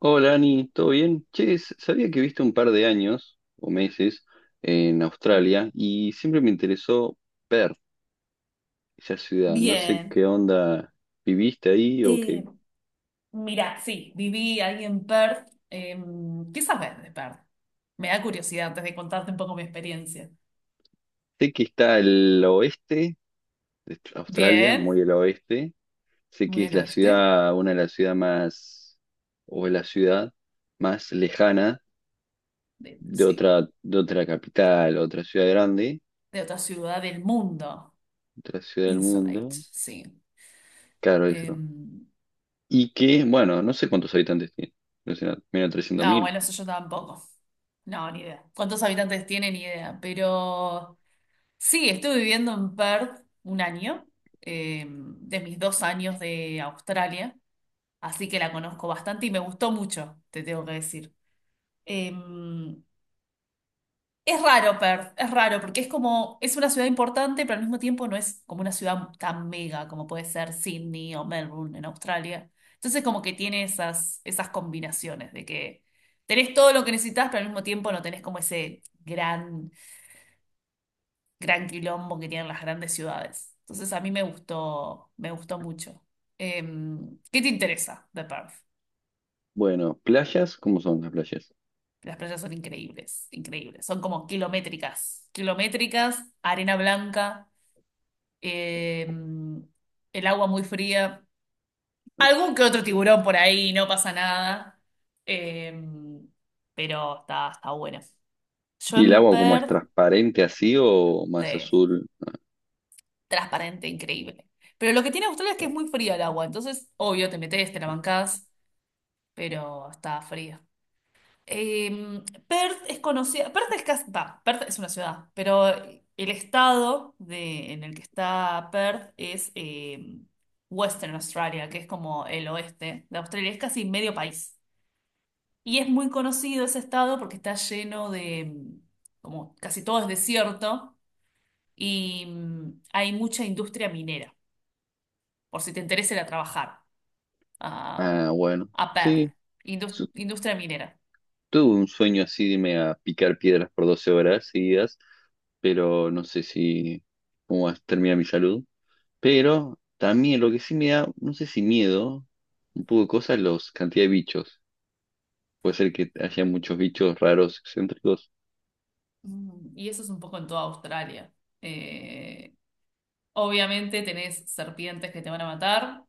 Hola Ani, ¿todo bien? Che, sabía que viste un par de años o meses en Australia y siempre me interesó ver esa ciudad. No sé Bien. qué onda viviste ahí o qué. Eh, Mira, sí, viví ahí en Perth. ¿Qué sabes de Perth? Me da curiosidad antes de contarte un poco mi experiencia. Sé que está al oeste de Australia, muy Bien, al oeste. Sé que muy es al la oeste, ciudad, una de las ciudades más, o la ciudad más lejana de, de sí, otra, de otra capital, otra ciudad grande, de otra ciudad del mundo. otra ciudad del Insulate, mundo. sí. Claro, eso. No, Y que, bueno, no sé cuántos habitantes tiene. Debe ser menos 300.000. bueno, eso yo tampoco. No, ni idea. ¿Cuántos habitantes tiene? Ni idea. Pero sí, estuve viviendo en Perth un año, de mis 2 años de Australia. Así que la conozco bastante y me gustó mucho, te tengo que decir. Em, es raro Perth, es raro porque es como, es una ciudad importante, pero al mismo tiempo no es como una ciudad tan mega como puede ser Sydney o Melbourne en Australia. Entonces como que tiene esas combinaciones de que tenés todo lo que necesitas, pero al mismo tiempo no tenés como ese gran, gran quilombo que tienen las grandes ciudades. Entonces a mí me gustó mucho. ¿Qué te interesa de Perth? Bueno, playas, ¿cómo son las playas? Las playas son increíbles, increíbles. Son como kilométricas, kilométricas, arena blanca, eh, el agua muy fría, algún que otro tiburón por ahí, no pasa nada. Eh, pero está buena. Yo ¿Y el en agua como es, Perth, transparente así o más sí, azul? transparente, increíble. Pero lo que tiene Australia es que es muy fría el agua, entonces, obvio, te metes, te la bancás, pero está fría. Em, Perth es conocida, Perth es casi, va, Perth es una ciudad, pero el estado de, en el que está Perth es Western Australia, que es como el oeste de Australia, es casi medio país. Y es muy conocido ese estado porque está lleno de, como casi todo es desierto y hay mucha industria minera, por si te interesa ir a trabajar a, Ah, bueno, a Perth, sí. Su- industria minera. Tuve un sueño así de irme a picar piedras por 12 horas seguidas, pero no sé si cómo va a terminar mi salud. Pero también lo que sí me da, no sé si miedo, un poco de cosas, los cantidad de bichos. Puede ser que haya muchos bichos raros, excéntricos. Y eso es un poco en toda Australia. Eh, Obviamente tenés serpientes que te van a matar,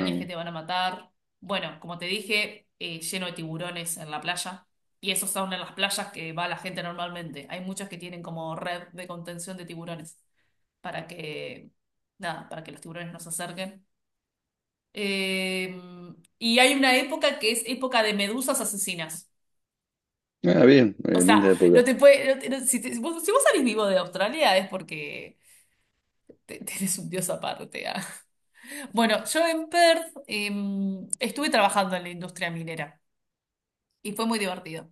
Ah, que bueno. te van a matar. Bueno, como te dije, lleno de tiburones en la playa. Y esos son en las playas que va la gente normalmente. Hay muchas que tienen como red de contención de tiburones para que, nada, para que los tiburones no se acerquen. Eh, y hay una época que es época de medusas asesinas. Ah, bien, O linda sea, no época. te puede, si vos salís vivo de Australia es porque Tenés un dios aparte. Ah. Bueno, yo en Perth estuve trabajando en la industria minera y fue muy divertido.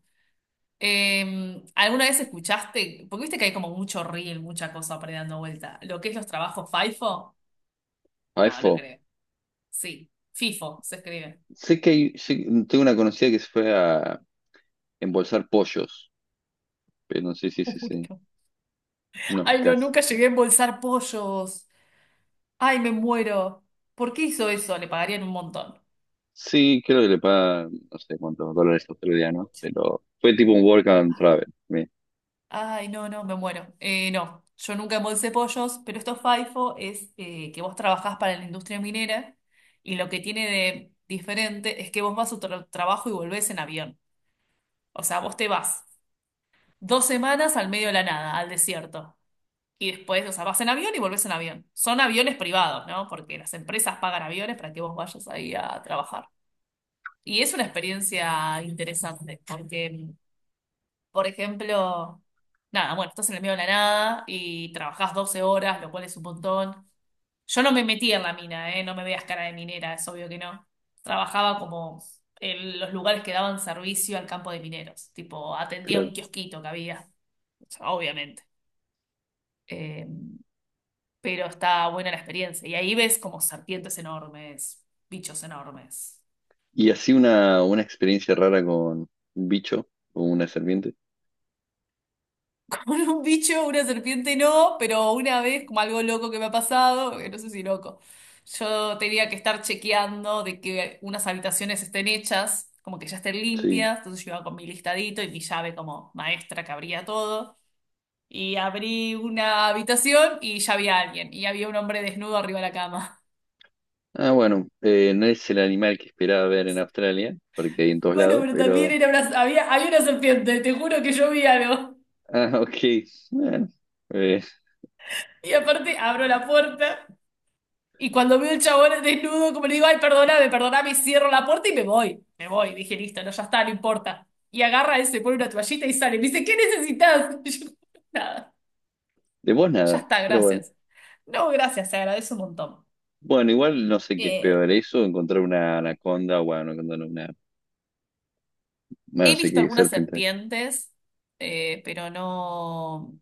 ¿Alguna vez escuchaste? Porque viste que hay como mucho reel, mucha cosa por ahí dando vuelta. ¿Lo que es los trabajos FIFO? No, no iPhone. creo. Sí, FIFO se escribe. Sé que hay, tengo una conocida que se fue a embolsar pollos, pero no sé, si sí, Uy, sí. no. No, Ay, no, casi. nunca llegué a embolsar pollos. Ay, me muero. ¿Por qué hizo eso? Le pagarían un montón. Sí, creo que le paga, no sé cuántos dólares australianos, pero fue tipo un work and travel. Bien, Ay, no, no, me muero. No, yo nunca embolsé pollos, pero esto FIFO es que vos trabajás para la industria minera y lo que tiene de diferente es que vos vas a tu trabajo y volvés en avión. O sea, vos te vas 2 semanas al medio de la nada, al desierto. Y después, o sea, vas en avión y volvés en avión. Son aviones privados, ¿no? Porque las empresas pagan aviones para que vos vayas ahí a trabajar. Y es una experiencia interesante, porque por ejemplo, nada, bueno, estás en el medio de la nada y trabajás 12 horas, lo cual es un montón. Yo no me metí en la mina, ¿eh? No me veas cara de minera, es obvio que no. Trabajaba como en los lugares que daban servicio al campo de mineros, tipo atendía un claro. kiosquito que había, o sea, obviamente. Eh, pero está buena la experiencia y ahí ves como serpientes enormes, bichos enormes. Y así una experiencia rara con un bicho o una serpiente. Con un bicho, una serpiente no, pero una vez, como algo loco que me ha pasado, que no sé si loco, yo tenía que estar chequeando de que unas habitaciones estén hechas, como que ya estén Sí. limpias, entonces yo iba con mi listadito y mi llave como maestra que abría todo, y abrí una habitación y ya había alguien, y había un hombre desnudo arriba de la cama. Ah, bueno, no es el animal que esperaba ver en Australia, porque hay en todos Bueno, lados, pero también pero... era una, había una serpiente, te juro que yo vi algo. Ah, ok. Bueno, eh, Y aparte abro la puerta y cuando veo el chabón desnudo, como le digo, ay, perdóname, perdóname, cierro la puerta y me voy. Me voy. Dije, listo, no, ya está, no importa. Y agarra ese, pone una toallita y sale. Me dice, ¿qué necesitas? Y yo, nada, de vos ya nada, está, pero bueno. gracias. No, gracias, se agradece un montón. Bueno, igual no sé qué es Eh, peor, eso, encontrar una anaconda, bueno, anaconda no, una, bueno, no He sé visto qué, algunas serpiente. serpientes, pero no,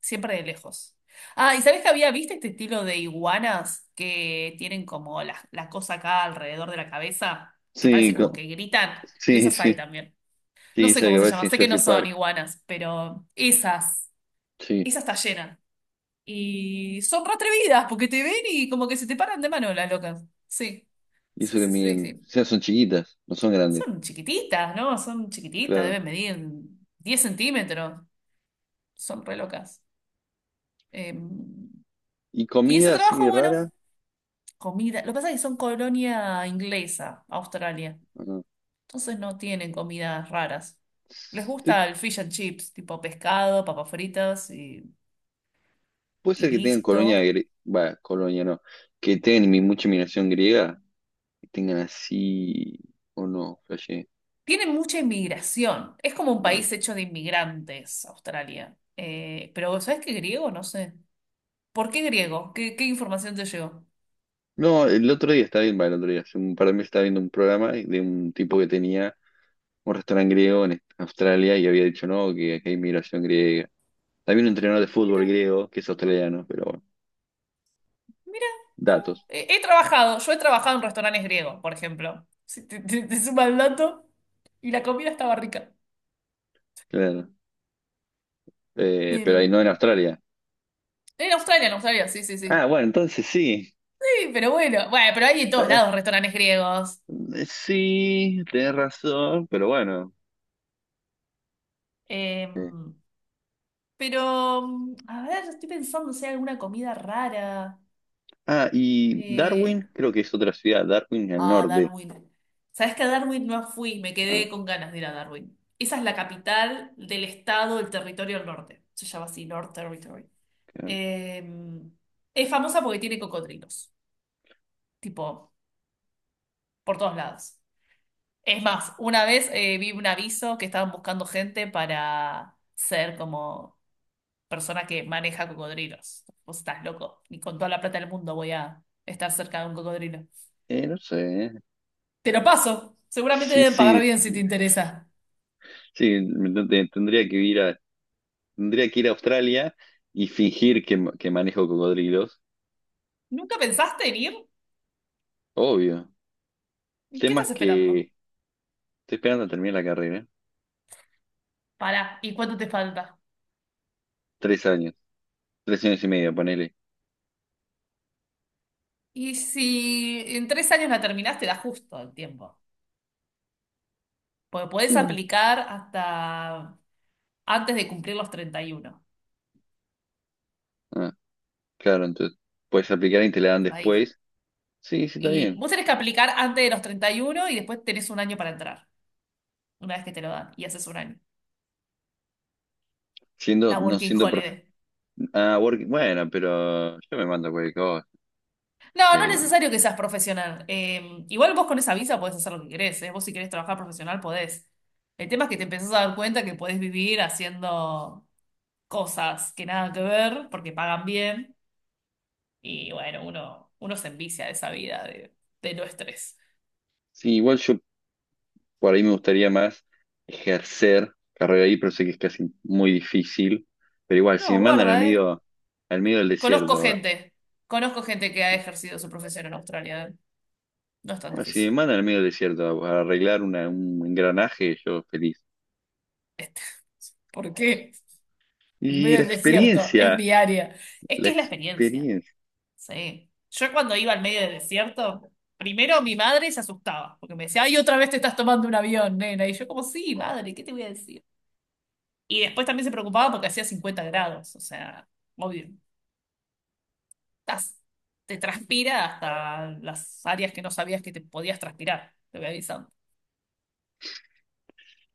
siempre de lejos. Ah, ¿y sabés que había visto este estilo de iguanas que tienen como la cosa acá alrededor de la cabeza, que Sí, parece como que gritan? De sí, esas hay sí, también. No sí, sé se que cómo se aparece llama, en sé que no Jurassic son Park, iguanas, pero esas, sí, esas está llena. Y son re atrevidas porque te ven y como que se te paran de mano las locas. Sí, y sí, eso que sí, sí, miden, o sí. sea, son chiquitas, no son grandes, Son chiquititas, ¿no? Son chiquititas, claro. deben medir 10 centímetros. Son re locas. Eh, ¿Y y ese comida trabajo, así bueno, rara? comida. Lo que pasa es que son colonia inglesa, Australia. ¿O no? Entonces no tienen comidas raras. Les Sí, gusta el fish and chips, tipo pescado, papas fritas y, puede y ser que tengan colonia, listo. Va, colonia no, que tengan mucha inmigración griega, que tengan así, o no, flashé, Tiene mucha inmigración. Es como un claro. país hecho de inmigrantes, Australia. Pero ¿sabes qué griego? No sé. ¿Por qué griego? ¿Qué información te llegó? No, el otro día estaba viendo, bueno, el otro día, hace un par de meses estaba viendo un programa de un tipo que tenía un restaurante griego en Australia y había dicho, no, que acá hay inmigración griega. También un entrenador de Mira, fútbol griego que es australiano, pero bueno, mira, no. datos, Yo he trabajado en restaurantes griegos, por ejemplo. Si te suma el dato y la comida estaba rica. claro. Pero En ahí no en Australia. Australia, en Australia, sí, sí, Ah, sí. bueno, entonces sí. Sí, pero bueno, bueno, pero hay en todos Eh, lados restaurantes griegos. Sí, tenés razón, pero bueno. Eh, eh. pero, a ver, estoy pensando si hay alguna comida rara. Ah, y Eh, Darwin, creo que es otra ciudad, Darwin al Ah, norte. Darwin. ¿Sabes que a Darwin no fui? Me Ah, quedé con ganas de ir a Darwin. Esa es la capital del estado, del territorio del norte. Se llama así, North Territory. claro. Eh, es famosa porque tiene cocodrilos, tipo, por todos lados. Es más, una vez vi un aviso que estaban buscando gente para ser como persona que maneja cocodrilos. Vos estás loco, ni con toda la plata del mundo voy a estar cerca de un cocodrilo. No sé. Te lo paso, seguramente Sí, deben pagar sí. bien si te interesa. Sí, tendría que ir a, Australia y fingir que, que manejo cocodrilos. ¿Nunca pensaste en ir? Obvio. El ¿Y qué tema es estás esperando? que estoy esperando a terminar la carrera. Pará, ¿y cuánto te falta? 3 años. 3 años y medio, ponele. Y si en 3 años la terminás, te da justo el tiempo. Porque podés Sí. aplicar hasta antes de cumplir los 31. Ah, claro, entonces. Puedes aplicar y te la dan Hasta ahí. después. Sí, sí, está Y bien. vos tenés que aplicar antes de los 31 y uno y después tenés un año para entrar, una vez que te lo dan, y haces un año. Siendo, La no working siendo profe. holiday. Ah, bueno, pero yo me mando cualquier cosa. No, no es Eh, necesario que seas profesional. Igual vos con esa visa podés hacer lo que querés, ¿eh? Vos si querés trabajar profesional podés. El tema es que te empezás a dar cuenta que podés vivir haciendo cosas que nada que ver porque pagan bien y bueno, uno se envicia de esa vida de, no estrés. sí, igual yo por ahí me gustaría más ejercer carrera ahí, pero sé que es casi muy difícil. Pero igual, si me No, mandan guarda, ¿eh? Al medio del Conozco desierto, gente, conozco gente que ha ejercido su profesión en Australia, ¿eh? No es tan bueno, si difícil. me mandan al medio del desierto a arreglar un engranaje, yo feliz. Este, ¿Por qué? En Y medio la del desierto, es experiencia, mi área. Es la que es la experiencia, experiencia. sí. Yo cuando iba al medio del desierto, primero mi madre se asustaba porque me decía, ay, otra vez te estás tomando un avión, nena. Y yo como, sí, madre, ¿qué te voy a decir? Y después también se preocupaba porque hacía 50 grados, o sea, obvio, estás- te transpira hasta las áreas que no sabías que te podías transpirar, te voy avisando.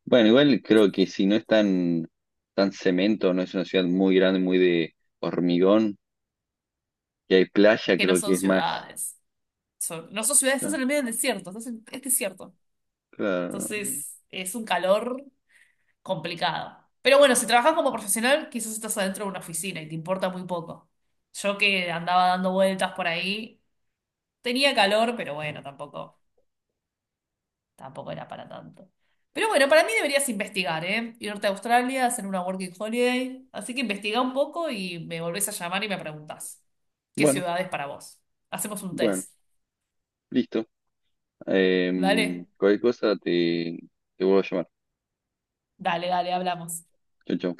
Bueno, igual creo que si no es tan cemento, no es una ciudad muy grande, muy de hormigón, y hay Es playa, que no creo que son es más. ciudades, no son ciudades, estás eh, en el medio del desierto, es desierto. Claro. Entonces es un calor complicado. Pero bueno, si trabajas como profesional, quizás estás adentro de una oficina y te importa muy poco. Yo que andaba dando vueltas por ahí, tenía calor, pero bueno, tampoco. Tampoco era para tanto. Pero bueno, para mí deberías investigar, ¿eh? Irte a Australia, hacer una working holiday. Así que investiga un poco y me volvés a llamar y me preguntás qué Bueno, ciudad es para vos. Hacemos un bueno, test. listo. ¿Vale? Cualquier cosa te vuelvo a llamar. Dale, dale, hablamos. Chao, chao.